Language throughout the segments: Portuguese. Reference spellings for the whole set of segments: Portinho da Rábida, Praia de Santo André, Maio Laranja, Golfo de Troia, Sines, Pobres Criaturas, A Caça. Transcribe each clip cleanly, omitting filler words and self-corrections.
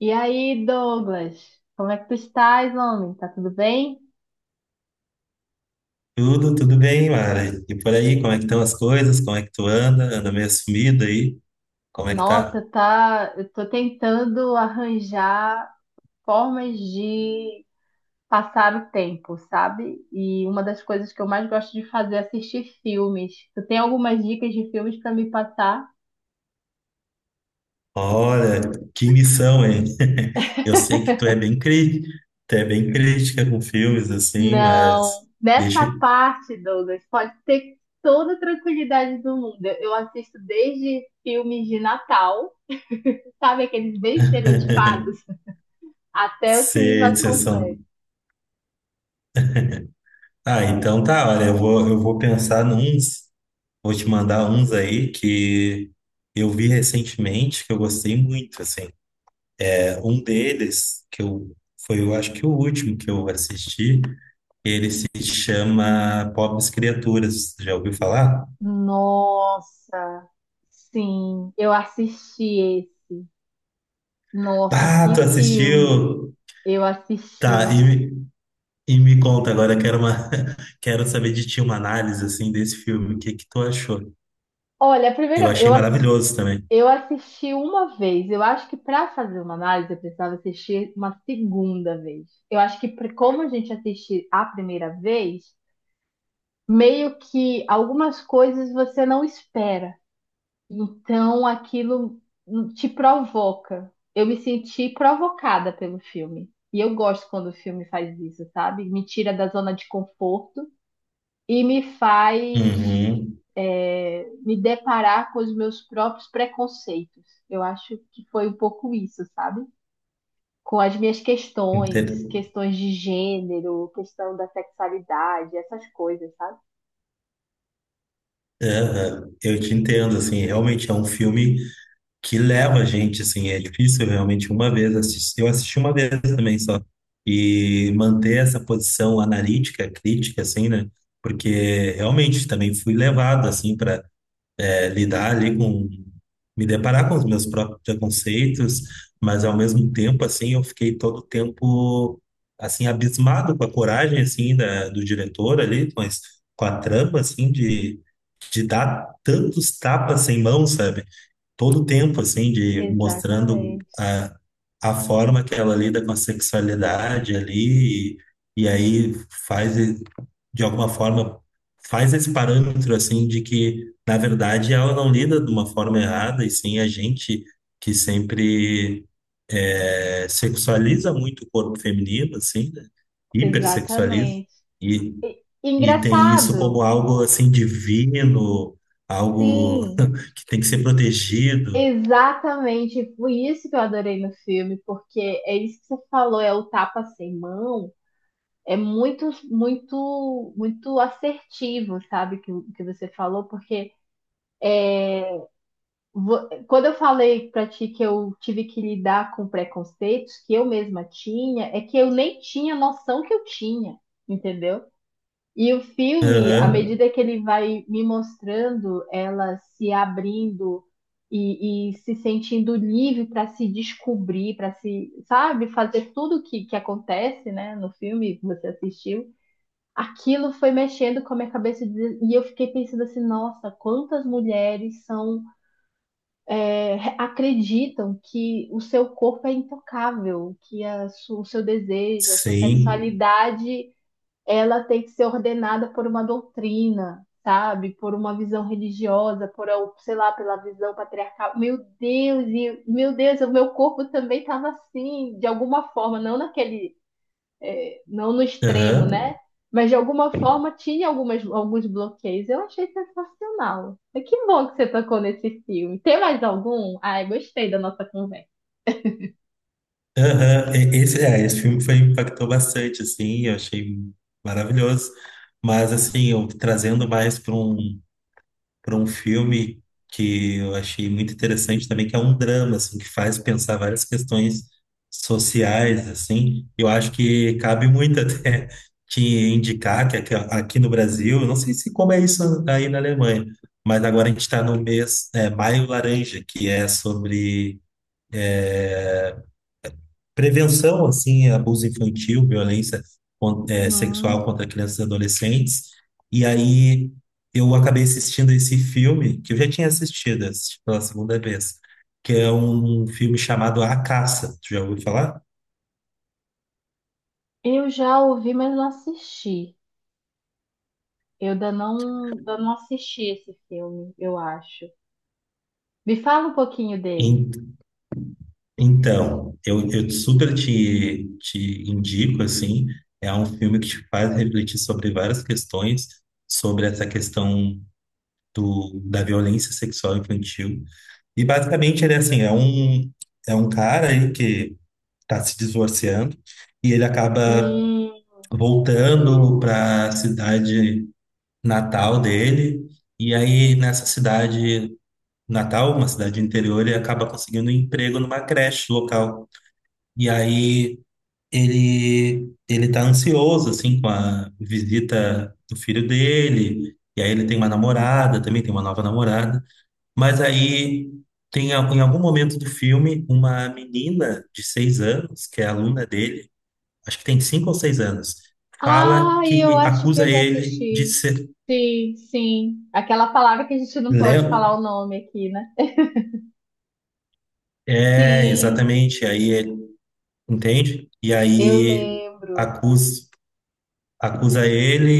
E aí, Douglas, como é que tu estás, homem? Tá tudo bem? Tudo bem, Mara. E por aí, como é que estão as coisas? Como é que tu anda? Anda meio sumido aí? Como é que Nossa, tá? tá. Eu tô tentando arranjar formas de passar o tempo, sabe? E uma das coisas que eu mais gosto de fazer é assistir filmes. Tu tem algumas dicas de filmes pra me passar? Olha, que missão, hein? Eu sei que tu é bem crítica com filmes, assim, mas Não. Nessa deixa eu parte, Douglas, pode ter toda a tranquilidade do mundo. Eu assisto desde filmes de Natal, sabe aqueles bem estereotipados, até os filmes ser de mais sessão. complexos. Ah, então tá, olha, eu vou pensar nuns, vou te mandar uns aí que eu vi recentemente, que eu gostei muito, assim. Um deles, eu acho que o último que eu assisti, ele se chama Pobres Criaturas. Já ouviu falar? Nossa, sim, eu assisti esse. Nossa, Ah, tu que filme! assistiu? Eu Tá, assisti. E me conta agora, quero uma, quero saber de ti uma análise assim desse filme. O que que tu achou? Olha, a Eu primeira, achei maravilhoso também. eu assisti uma vez. Eu acho que para fazer uma análise eu precisava assistir uma segunda vez. Eu acho que pra- como a gente assiste a primeira vez, meio que algumas coisas você não espera. Então aquilo te provoca. Eu me senti provocada pelo filme. E eu gosto quando o filme faz isso, sabe? Me tira da zona de conforto e me faz Uhum. Me deparar com os meus próprios preconceitos. Eu acho que foi um pouco isso, sabe? Com as minhas Ente- questões, questões de gênero, questão da sexualidade, essas coisas, sabe? Aham. Eu te entendo, assim, realmente é um filme que leva a gente, assim, é difícil realmente uma vez assistir. Eu assisti uma vez também só. E manter essa posição analítica, crítica, assim, né? Porque realmente também fui levado, assim, para lidar ali com. Me deparar com os meus próprios preconceitos, mas ao mesmo tempo, assim, eu fiquei todo o tempo, assim, abismado com a coragem, assim, do diretor ali, mas com a trama, assim, de dar tantos tapas sem mão, sabe? Todo o tempo, assim, de mostrando Exatamente. A forma que ela lida com a sexualidade ali, e aí faz, e- de alguma forma, faz esse parâmetro, assim, de que, na verdade, ela não lida de uma forma errada, e sim a gente que sempre sexualiza muito o corpo feminino, assim, né? Hipersexualiza. Exatamente. E- E tem isso Engraçado. como algo assim divino, algo Sim, que tem que ser protegido. exatamente. Foi isso que eu adorei no filme, porque é isso que você falou, é o tapa sem mão. É muito, muito, muito assertivo, sabe, que você falou, porque vo- quando eu falei pra ti que eu tive que lidar com preconceitos que eu mesma tinha, é que eu nem tinha noção que eu tinha, entendeu? E o filme, à Aham, medida que ele vai me mostrando ela se abrindo e se sentindo livre para se descobrir, para se, sabe, fazer tudo que acontece, né, no filme que você assistiu, aquilo foi mexendo com a minha cabeça de- e eu fiquei pensando assim, nossa, quantas mulheres são acreditam que o seu corpo é intocável, que a su- o seu desejo, a sua sim. sexualidade ela tem que ser ordenada por uma doutrina, sabe? Por uma visão religiosa, por, sei lá, pela visão patriarcal. Meu Deus, e- meu Deus, o meu corpo também estava assim, de alguma forma, não naquele, não no extremo, Aham, né? Mas de alguma forma tinha algumas, alguns bloqueios. Eu achei sensacional. E que bom que você tocou nesse filme. Tem mais algum? Ai, gostei da nossa conversa. aham. Esse, esse filme foi, impactou bastante, assim, eu achei maravilhoso. Mas, assim, eu trazendo mais para um. Para um filme que eu achei muito interessante também, que é um drama, assim, que faz pensar várias questões sociais, assim. Eu acho que cabe muito até te indicar que aqui, aqui no Brasil, eu não sei se como é isso aí na Alemanha, mas agora a gente está no mês, Maio Laranja, que é sobre é, prevenção, assim, a abuso infantil, violência sexual Hum. contra crianças e adolescentes. E aí eu acabei assistindo esse filme, que eu já tinha assistido, assisti pela segunda vez, que é um filme chamado A Caça. Tu já ouviu falar? Eu já ouvi, mas não assisti. Eu ainda não assisti esse filme, eu acho. Me fala um pouquinho dele. En- Então, eu super te indico, assim, é um filme que te faz refletir sobre várias questões, sobre essa questão da violência sexual infantil. E basicamente ele é assim, é um cara aí que está se divorciando e ele acaba Hum, entendi. voltando para a cidade natal dele. E aí nessa cidade natal, uma cidade interior, ele acaba conseguindo um emprego numa creche local. E aí ele tá ansioso assim com a visita do filho dele. E aí ele tem uma namorada, também tem uma nova namorada. Mas aí em algum momento do filme uma menina de 6 anos, que é aluna dele, acho que tem 5 ou 6 anos, fala Ah, eu que acho que acusa eu já ele de assisti. ser Sim, sim. Aquela palavra que a gente não pode Leo. falar o nome aqui, né? É, Sim, exatamente. Aí ele entende? E eu aí lembro. acusa. Acusa ele.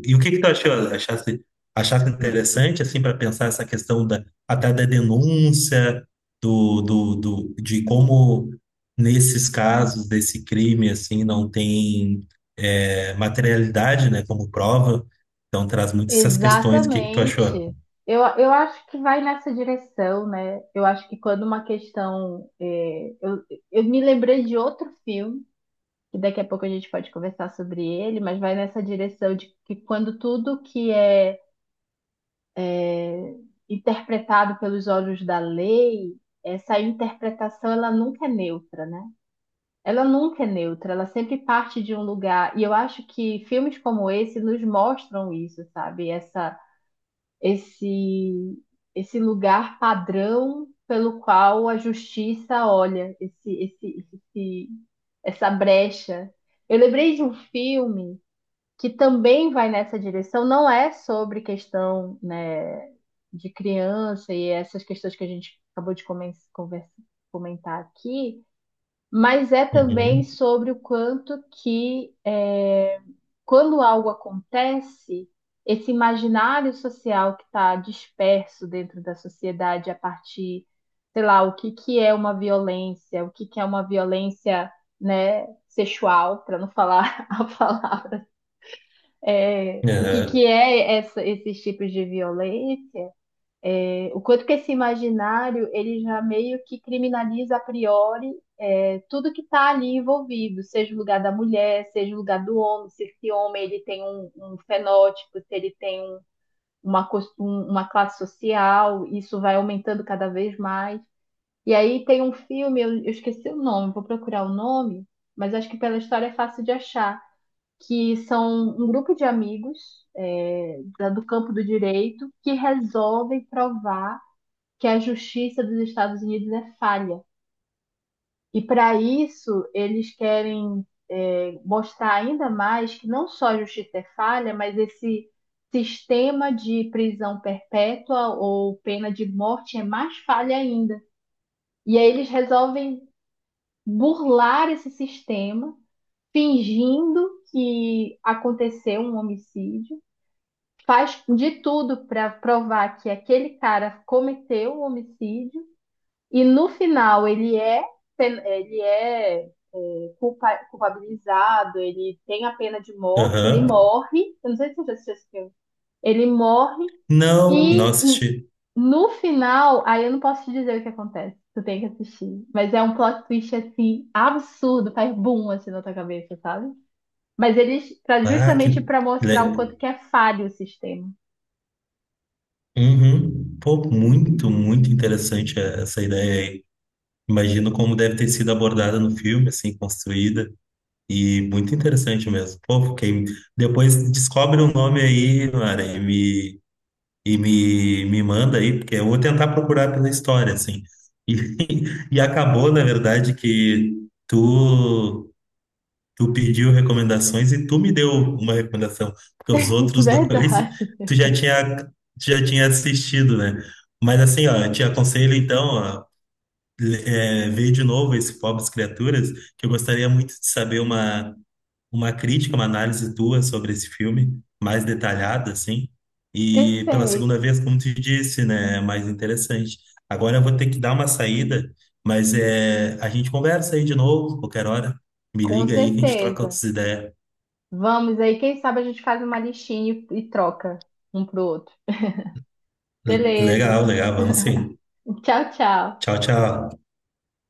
E o que que tu achou? Achaste Hum, interessante, assim, para pensar essa questão da, até da denúncia, de como nesses casos desse crime, assim, não tem materialidade, né, como prova. Então traz muitas essas questões. O que que tu achou? Exatamente. Eu acho que vai nessa direção, né? Eu acho que quando uma questão. Eu me lembrei de outro filme. Que daqui a pouco a gente pode conversar sobre ele, mas vai nessa direção de que quando tudo é, interpretado pelos olhos da lei, essa interpretação ela nunca é neutra, né? Ela nunca é neutra, ela sempre parte de um lugar. E eu acho que filmes como esse nos mostram isso, sabe? Esse, esse lugar padrão pelo qual a justiça olha esse, essa brecha. Eu lembrei de um filme que também vai nessa direção, não é sobre questão, né, de criança e essas questões que a gente acabou de comentar aqui, mas é também Uhum. sobre o quanto quando algo acontece, esse imaginário social que está disperso dentro da sociedade a partir, sei lá, o que que é uma violência, o que que é uma violência, né, sexual, para não falar a palavra o que Aham. que é esses tipos de violência? O quanto que esse imaginário ele já meio que criminaliza a priori tudo que está ali envolvido, seja o lugar da mulher, seja o lugar do homem, se esse homem ele tem um fenótipo, se ele tem uma classe social, isso vai aumentando cada vez mais. E aí tem um filme, eu esqueci o nome, vou procurar o nome, mas acho que pela história é fácil de achar que são um grupo de amigos do campo do direito que resolvem provar que a justiça dos Estados Unidos é falha. E para isso, eles querem mostrar ainda mais que não só a justiça é falha, mas esse sistema de prisão perpétua ou pena de morte é mais falha ainda. E aí eles resolvem burlar esse sistema, fingindo que aconteceu um homicídio, faz de tudo para provar que aquele cara cometeu o homicídio e no final ele é culpabilizado, ele tem a pena de morte, ele Aham. morre. Eu não sei se você assistiu esse filme. Ele morre Não, não e assisti. no final, aí eu não posso te dizer o que acontece. Tu tem que assistir. Mas é um plot twist assim absurdo, faz boom assim na tua cabeça, sabe? Mas eles, pra, Ah, que... justamente para mostrar o le- quanto que é falho o sistema. Uhum. Pô, muito, muito interessante essa ideia aí. Imagino como deve ter sido abordada no filme, assim, construída. E muito interessante mesmo. Pô, fiquei... Depois descobre o nome aí, Mara, me manda aí, porque eu vou tentar procurar pela história, assim. E, e acabou, na verdade, que tu, tu pediu recomendações e tu me deu uma recomendação, porque É os outros dois verdade. Tu já tinha assistido, né? Mas assim, ó, eu te aconselho então, ó, ver de novo esse Pobres Criaturas, que eu gostaria muito de saber uma crítica, uma análise tua sobre esse filme, mais detalhada, assim. E pela Perfeito, segunda vez, como tu disse, né, é mais interessante. Agora eu vou ter que dar uma saída, mas é, a gente conversa aí de novo, qualquer hora. Me com liga aí que a gente troca certeza. outras ideias. Vamos aí, quem sabe a gente faz uma listinha e troca um pro outro. Beleza. Legal, legal, vamos sim. Tchau, tchau. Tchau, tchau.